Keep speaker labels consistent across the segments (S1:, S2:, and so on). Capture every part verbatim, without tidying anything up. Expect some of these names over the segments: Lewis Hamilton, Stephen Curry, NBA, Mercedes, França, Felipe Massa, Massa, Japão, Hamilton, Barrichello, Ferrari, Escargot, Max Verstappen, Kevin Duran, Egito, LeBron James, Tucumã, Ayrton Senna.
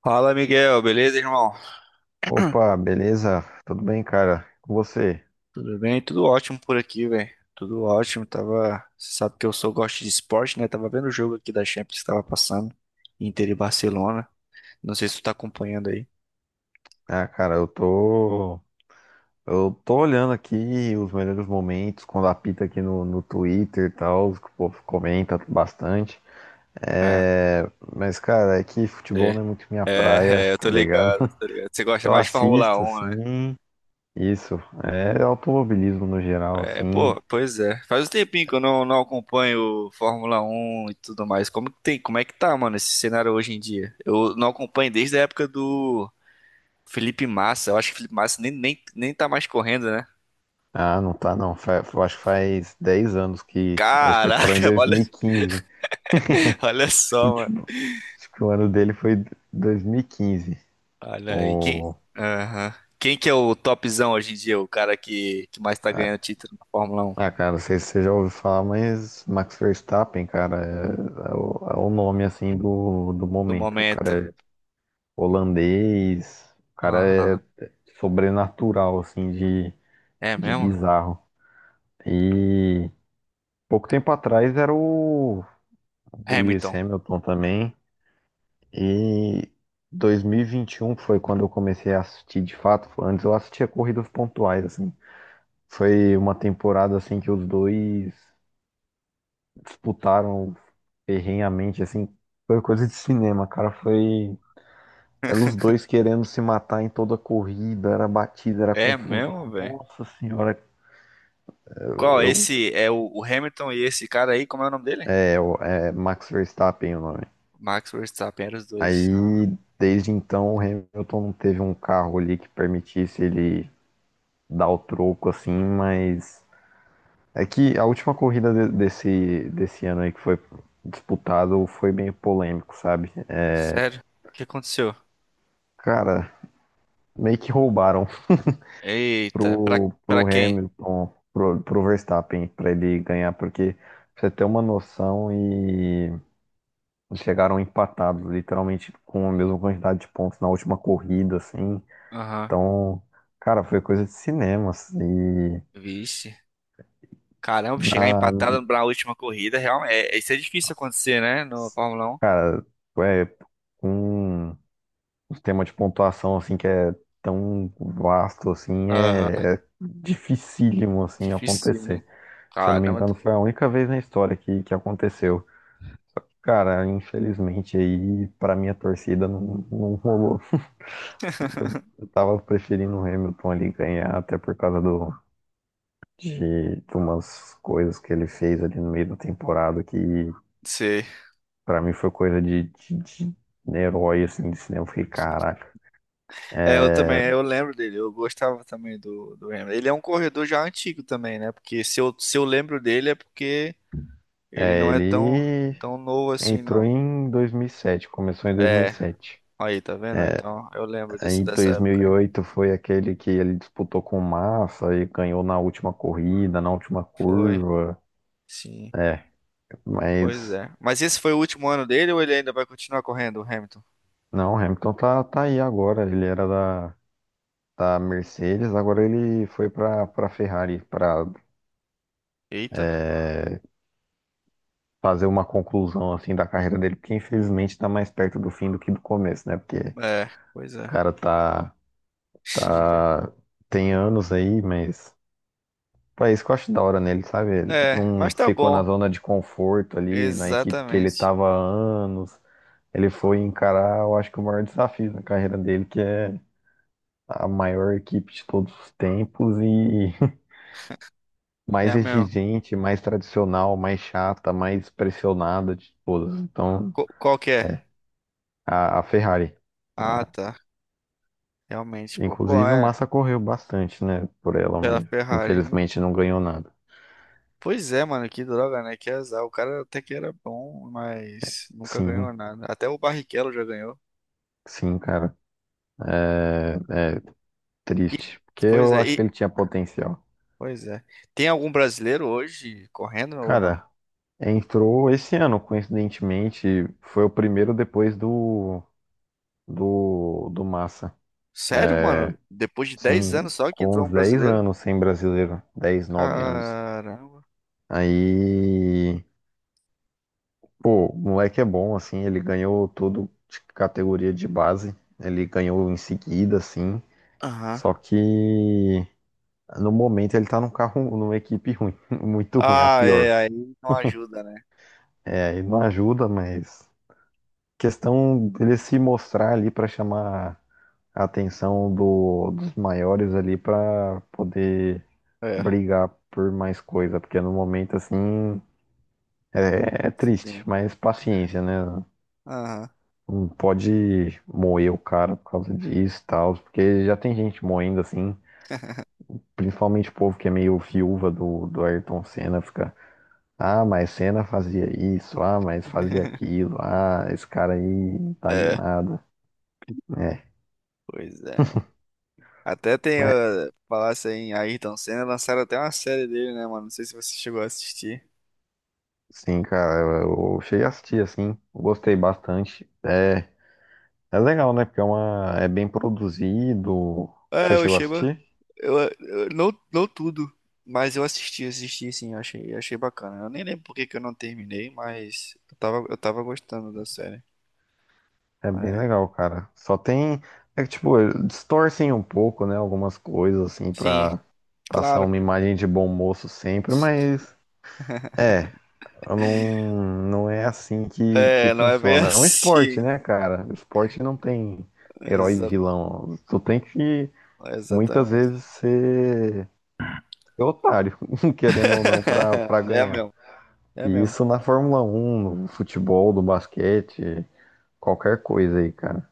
S1: Fala, Miguel, beleza, irmão?
S2: Opa, beleza? Tudo bem, cara? Com você?
S1: Tudo bem? Tudo ótimo por aqui, velho. Tudo ótimo. Tava, você sabe que eu sou gosto de esporte, né? Tava vendo o jogo aqui da Champions que tava passando, Inter e Barcelona. Não sei se tu tá acompanhando aí.
S2: Ah, cara, eu tô. Eu tô olhando aqui os melhores momentos, quando apita aqui no, no Twitter e tal, os que o povo comenta bastante.
S1: É,
S2: É, mas, cara, é que futebol
S1: é,
S2: não é muito minha
S1: é,
S2: praia,
S1: é, eu tô
S2: tá ligado?
S1: ligado, tô ligado. Você gosta
S2: Eu
S1: mais de Fórmula
S2: assisto,
S1: um, né?
S2: assim, isso. É automobilismo no geral,
S1: É,
S2: assim.
S1: pô, pois é. Faz um tempinho que eu não, não acompanho Fórmula um e tudo mais. Como que tem, como é que tá, mano, esse cenário hoje em dia? Eu não acompanho desde a época do Felipe Massa. Eu acho que o Felipe Massa nem, nem, nem tá mais correndo, né?
S2: Ah, não tá, não. Fa- eu acho que faz dez anos que. Acho que ele parou em
S1: Caraca, olha,
S2: dois mil e quinze. Acho
S1: olha
S2: que o
S1: só, mano.
S2: último- Acho que o ano dele foi dois mil e quinze.
S1: Olha aí, quem,
S2: O...
S1: Aham. Quem que é o topzão hoje em dia? O cara que, que mais tá
S2: Ah,
S1: ganhando título na Fórmula Um
S2: ah, cara, não sei se você já ouviu falar, mas Max Verstappen, cara, é, é o, é o nome, assim, do, do
S1: do
S2: momento. O
S1: momento?
S2: cara é holandês, o cara
S1: Aham.
S2: é sobrenatural, assim, de,
S1: É
S2: de
S1: mesmo?
S2: bizarro. E pouco tempo atrás era o, o Lewis
S1: Hamilton.
S2: Hamilton também. E dois mil e vinte e um foi quando eu comecei a assistir de fato. Antes eu assistia corridas pontuais, assim. Foi uma temporada, assim, que os dois disputaram ferrenhamente, assim, foi coisa de cinema, cara. Foi. Eram os dois querendo se matar em toda a corrida, era batida, era
S1: É mesmo,
S2: confusão.
S1: velho?
S2: Nossa senhora,
S1: Qual?
S2: eu-
S1: Esse é o, o Hamilton e esse cara aí, como é o nome dele?
S2: é, o- é Max Verstappen o nome.
S1: Max Verstappen, eram os dois. Ah,
S2: Aí, desde então, o Hamilton não teve um carro ali que permitisse ele dar o troco, assim, mas. É que a última corrida de- desse, desse ano aí que foi disputado foi meio polêmico, sabe?
S1: sério? O que aconteceu?
S2: Cara, meio que roubaram.
S1: Eita, pra,
S2: pro,
S1: pra
S2: pro
S1: quem?
S2: Hamilton, pro, pro Verstappen, para ele ganhar, porque pra você ter uma noção e chegaram empatados, literalmente com a mesma quantidade de pontos na última corrida, assim.
S1: Aham.
S2: Então, cara, foi coisa de cinema, assim. E
S1: Vixe. Caramba, chegar
S2: na,
S1: empatado na última corrida, realmente, é, isso é difícil acontecer, né, no Fórmula
S2: cara, é com um sistema de pontuação assim que é tão vasto assim,
S1: Um.
S2: é, é dificílimo assim
S1: Dificílimo.
S2: acontecer. Se eu não me
S1: Caramba,
S2: engano, foi a única vez na história que, que aconteceu. Cara, infelizmente aí, pra minha torcida, não, não rolou. Eu, eu tava preferindo o Hamilton ali ganhar, até por causa do, de, de umas coisas que ele fez ali no meio da temporada, que
S1: sei.
S2: pra mim foi coisa de, de herói, assim, de cinema. Eu fiquei, caraca.
S1: É, eu
S2: É,
S1: também, eu lembro dele, eu gostava também do, do Hamilton. Ele é um corredor já antigo também, né? Porque se eu, se eu lembro dele é porque ele
S2: é,
S1: não é tão,
S2: Ele
S1: tão novo assim,
S2: entrou
S1: não.
S2: em dois mil e sete, começou em
S1: É,
S2: dois mil e sete.
S1: aí, tá vendo?
S2: É,
S1: Então, eu lembro desse,
S2: em
S1: dessa época. Aí.
S2: dois mil e oito foi aquele que ele disputou com o Massa e ganhou na última corrida, na última
S1: Foi,
S2: curva.
S1: sim,
S2: É,
S1: pois
S2: mas
S1: é. Mas esse foi o último ano dele ou ele ainda vai continuar correndo, o Hamilton?
S2: não, o Hamilton tá, tá aí agora. Ele era da, da Mercedes, agora ele foi para para Ferrari para
S1: Eita,
S2: fazer uma conclusão assim da carreira dele, porque infelizmente tá mais perto do fim do que do começo, né? Porque o
S1: é, pois é.
S2: cara tá tá tem anos aí, mas pô, é isso que eu acho da hora nele, sabe? Ele
S1: É,
S2: não
S1: mas tá
S2: ficou na
S1: bom.
S2: zona de conforto ali, na equipe que ele
S1: Exatamente.
S2: tava há anos. Ele foi encarar, eu acho que o maior desafio na carreira dele, que é a maior equipe de todos os tempos e
S1: É
S2: mais
S1: mesmo.
S2: exigente, mais tradicional, mais chata, mais pressionada de todas. Então,
S1: Qu- Qual que é?
S2: a, a Ferrari.
S1: Ah,
S2: Ah,
S1: tá. Realmente, pô. Pô,
S2: inclusive, o
S1: é.
S2: Massa correu bastante, né, por ela,
S1: Pela
S2: mas
S1: Ferrari. Hum,
S2: infelizmente não ganhou nada.
S1: Pois é, mano, que droga, né? Que azar. O cara até que era bom, mas nunca ganhou
S2: Sim,
S1: nada. Até o Barrichello já ganhou.
S2: sim, cara,
S1: E,
S2: triste. Porque
S1: pois
S2: eu
S1: é,
S2: acho que
S1: e,
S2: ele tinha potencial.
S1: pois é. Tem algum brasileiro hoje correndo ou não?
S2: Cara, entrou esse ano, coincidentemente, foi o primeiro depois do, do, do Massa.
S1: Sério, mano? Depois de dez
S2: Sim,
S1: anos só que
S2: com
S1: entrou
S2: uns
S1: um
S2: dez
S1: brasileiro?
S2: anos sem brasileiro, dez nove anos.
S1: Caramba.
S2: Aí, pô, o moleque é bom, assim, ele ganhou tudo de categoria de base, ele ganhou em seguida, assim,
S1: Aham.
S2: só que no momento ele tá num carro, numa equipe ruim, muito ruim, a
S1: Ah, é,
S2: pior.
S1: aí não ajuda, né?
S2: É, ele não ajuda, mas questão dele se mostrar ali pra chamar a atenção do- dos maiores ali pra poder
S1: É.
S2: brigar por mais coisa, porque no momento assim é é triste,
S1: Sim.
S2: mas paciência, né?
S1: Aham.
S2: Não pode moer o cara por causa disso e tal, porque já tem gente moendo assim, principalmente o povo que é meio viúva do, do Ayrton Senna, fica, ah, mas Senna fazia isso, ah, mas fazia aquilo, ah, esse cara aí não tá de
S1: É,
S2: nada. É,
S1: pois é. Até tem,
S2: mas
S1: uh, falasse aí em Ayrton Senna, lançaram até uma série dele, né, mano? Não sei se você chegou a assistir.
S2: sim, cara, eu eu cheguei a assistir assim, gostei bastante. É, é legal, né? Porque é uma, é bem produzido.
S1: É,
S2: Você
S1: eu
S2: chegou a
S1: achei, ba-
S2: assistir?
S1: eu, eu- não, não tudo, mas eu assisti, assisti sim, eu achei, eu achei bacana. Eu nem lembro por que que eu não terminei, mas eu tava, eu tava gostando da série.
S2: É bem
S1: É.
S2: legal, cara. Só tem. É que, tipo, distorcem um pouco, né? Algumas coisas, assim,
S1: Sim,
S2: pra passar
S1: claro.
S2: uma imagem de bom moço sempre, mas. É, eu não, não é assim que, que
S1: É, não é bem
S2: funciona. É um esporte,
S1: assim.
S2: né, cara? O esporte não tem herói e
S1: Exa-
S2: vilão. Tu tem que, muitas
S1: exatamente.
S2: vezes, ser, ser otário, querendo ou não, pra, pra
S1: É
S2: ganhar.
S1: mesmo, é
S2: E
S1: mesmo.
S2: isso na Fórmula Um, no futebol, no basquete, qualquer coisa aí, cara.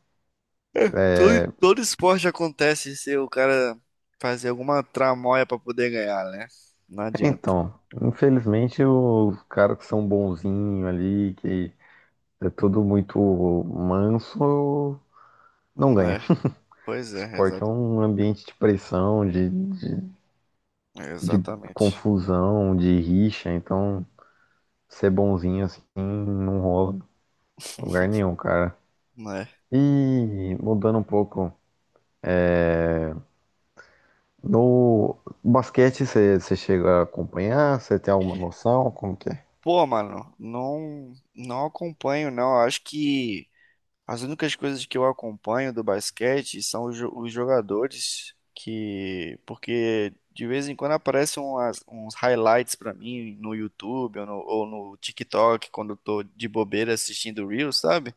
S1: Todo,
S2: É,
S1: todo esporte acontece se o cara fazer alguma tramóia pra poder ganhar, né? Não adianta.
S2: então, infelizmente, os caras que são bonzinhos ali, que é tudo muito manso, não
S1: Hum,
S2: ganha.
S1: É, pois é,
S2: Esporte é
S1: exata-
S2: um ambiente de pressão, de, de, de
S1: exatamente.
S2: confusão, de rixa, então ser bonzinho assim não rola em lugar nenhum, cara.
S1: Né?
S2: E mudando um pouco, no basquete você você chega a acompanhar? Você tem alguma noção? Como que é?
S1: Pô, mano, não, não acompanho, não. Eu acho que as únicas coisas que eu acompanho do basquete são os, jo- os jogadores que, porque de vez em quando aparecem umas- uns highlights pra mim no YouTube ou no, ou no TikTok quando eu tô de bobeira assistindo Reels, sabe?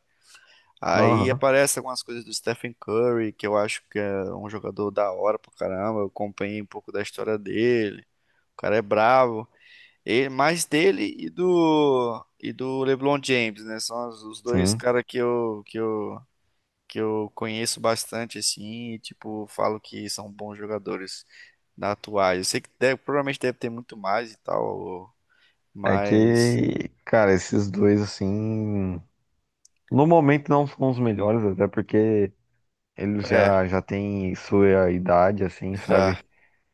S1: Aí
S2: Aham,
S1: aparece algumas coisas do Stephen Curry, que eu acho que é um jogador da hora pra caramba. Eu acompanhei um pouco da história dele. O cara é bravo. E mais dele e do e do LeBron James, né? São os, os dois
S2: sim.
S1: caras que eu que eu que eu conheço bastante assim, e, tipo, falo que são bons jogadores na atuais. Eu sei que deve- provavelmente deve ter muito mais e tal,
S2: É
S1: mas
S2: que, cara, esses dois assim no momento não são os melhores, até porque eles
S1: é,
S2: já, já têm sua idade, assim,
S1: já
S2: sabe?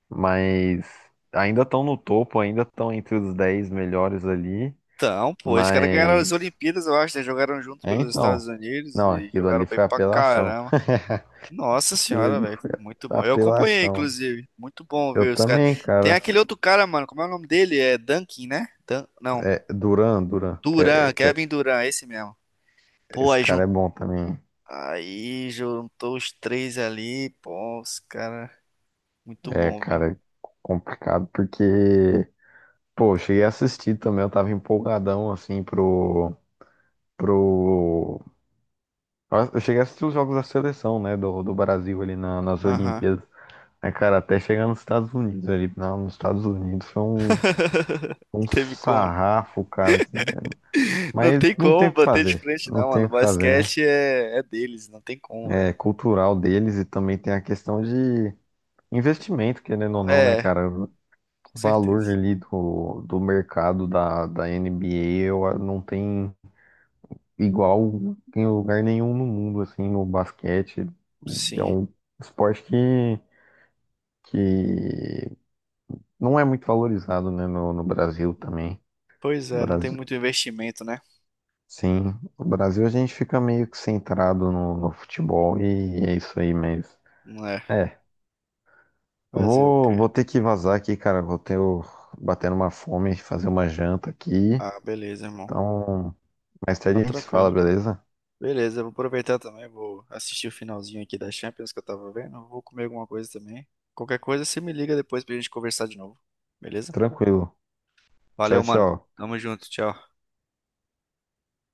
S2: Mas ainda estão no topo, ainda estão entre os dez melhores ali.
S1: então, pô, os caras ganharam as
S2: Mas.
S1: Olimpíadas, eu acho, né? Jogaram junto
S2: É
S1: pelos Estados
S2: então.
S1: Unidos
S2: Não,
S1: e
S2: aquilo
S1: jogaram
S2: ali
S1: bem
S2: foi
S1: pra
S2: apelação.
S1: caramba. Nossa
S2: Aquilo
S1: senhora,
S2: ali
S1: velho,
S2: foi
S1: muito bom. Eu acompanhei,
S2: apelação.
S1: inclusive. Muito bom
S2: Eu
S1: ver os caras.
S2: também,
S1: Tem
S2: cara.
S1: aquele outro cara, mano, como é o nome dele? É Duncan, né? Dan- Não,
S2: É, Duran, Duran, que,
S1: Duran,
S2: é- que é
S1: Kevin Duran, esse mesmo. Pô,
S2: esse
S1: aí, jun...
S2: cara é bom também.
S1: aí juntou os três ali, pô, os caras. Muito
S2: É,
S1: bom, velho.
S2: cara, é complicado porque, pô, eu cheguei a assistir também, eu tava empolgadão assim pro. Pro. Eu cheguei a assistir os jogos da seleção, né? Do, do Brasil ali na- nas
S1: Aham, não
S2: Olimpíadas. Aí, cara, até chegar nos Estados Unidos ali. Na- nos Estados Unidos foi um, um
S1: teve como.
S2: sarrafo, cara. Que...
S1: Não
S2: Mas
S1: tem
S2: não tem
S1: como
S2: o que
S1: bater de
S2: fazer.
S1: frente,
S2: Não
S1: não,
S2: tem
S1: mano.
S2: o que fazer, né?
S1: Basquete é, é deles, não tem como, velho.
S2: É cultural deles e também tem a questão de investimento, querendo ou não, né,
S1: É,
S2: cara? O
S1: com
S2: valor
S1: certeza.
S2: ali do, do mercado da, da N B A eu, ah, não tem igual em lugar nenhum no mundo, assim, no basquete. É
S1: Sim.
S2: um esporte que, que não é muito valorizado, né, no, no Brasil também.
S1: Pois é, não tem
S2: Brasil,
S1: muito investimento, né?
S2: sim, no Brasil a gente fica meio que centrado no, no futebol e é isso aí mesmo.
S1: Não é.
S2: É,
S1: Fazer o quê?
S2: vou, vou ter que vazar aqui, cara. Vou ter o- batendo uma fome, fazer uma janta aqui.
S1: Ah, beleza, irmão.
S2: Então, mais tarde
S1: Não,
S2: a gente se
S1: tranquilo.
S2: fala, beleza?
S1: Beleza, eu vou aproveitar também, vou assistir o finalzinho aqui da Champions que eu tava vendo. Eu vou comer alguma coisa também. Qualquer coisa, você me liga depois pra gente conversar de novo. Beleza?
S2: Tranquilo. Tchau,
S1: Valeu, mano.
S2: tchau.
S1: Tamo junto, tchau.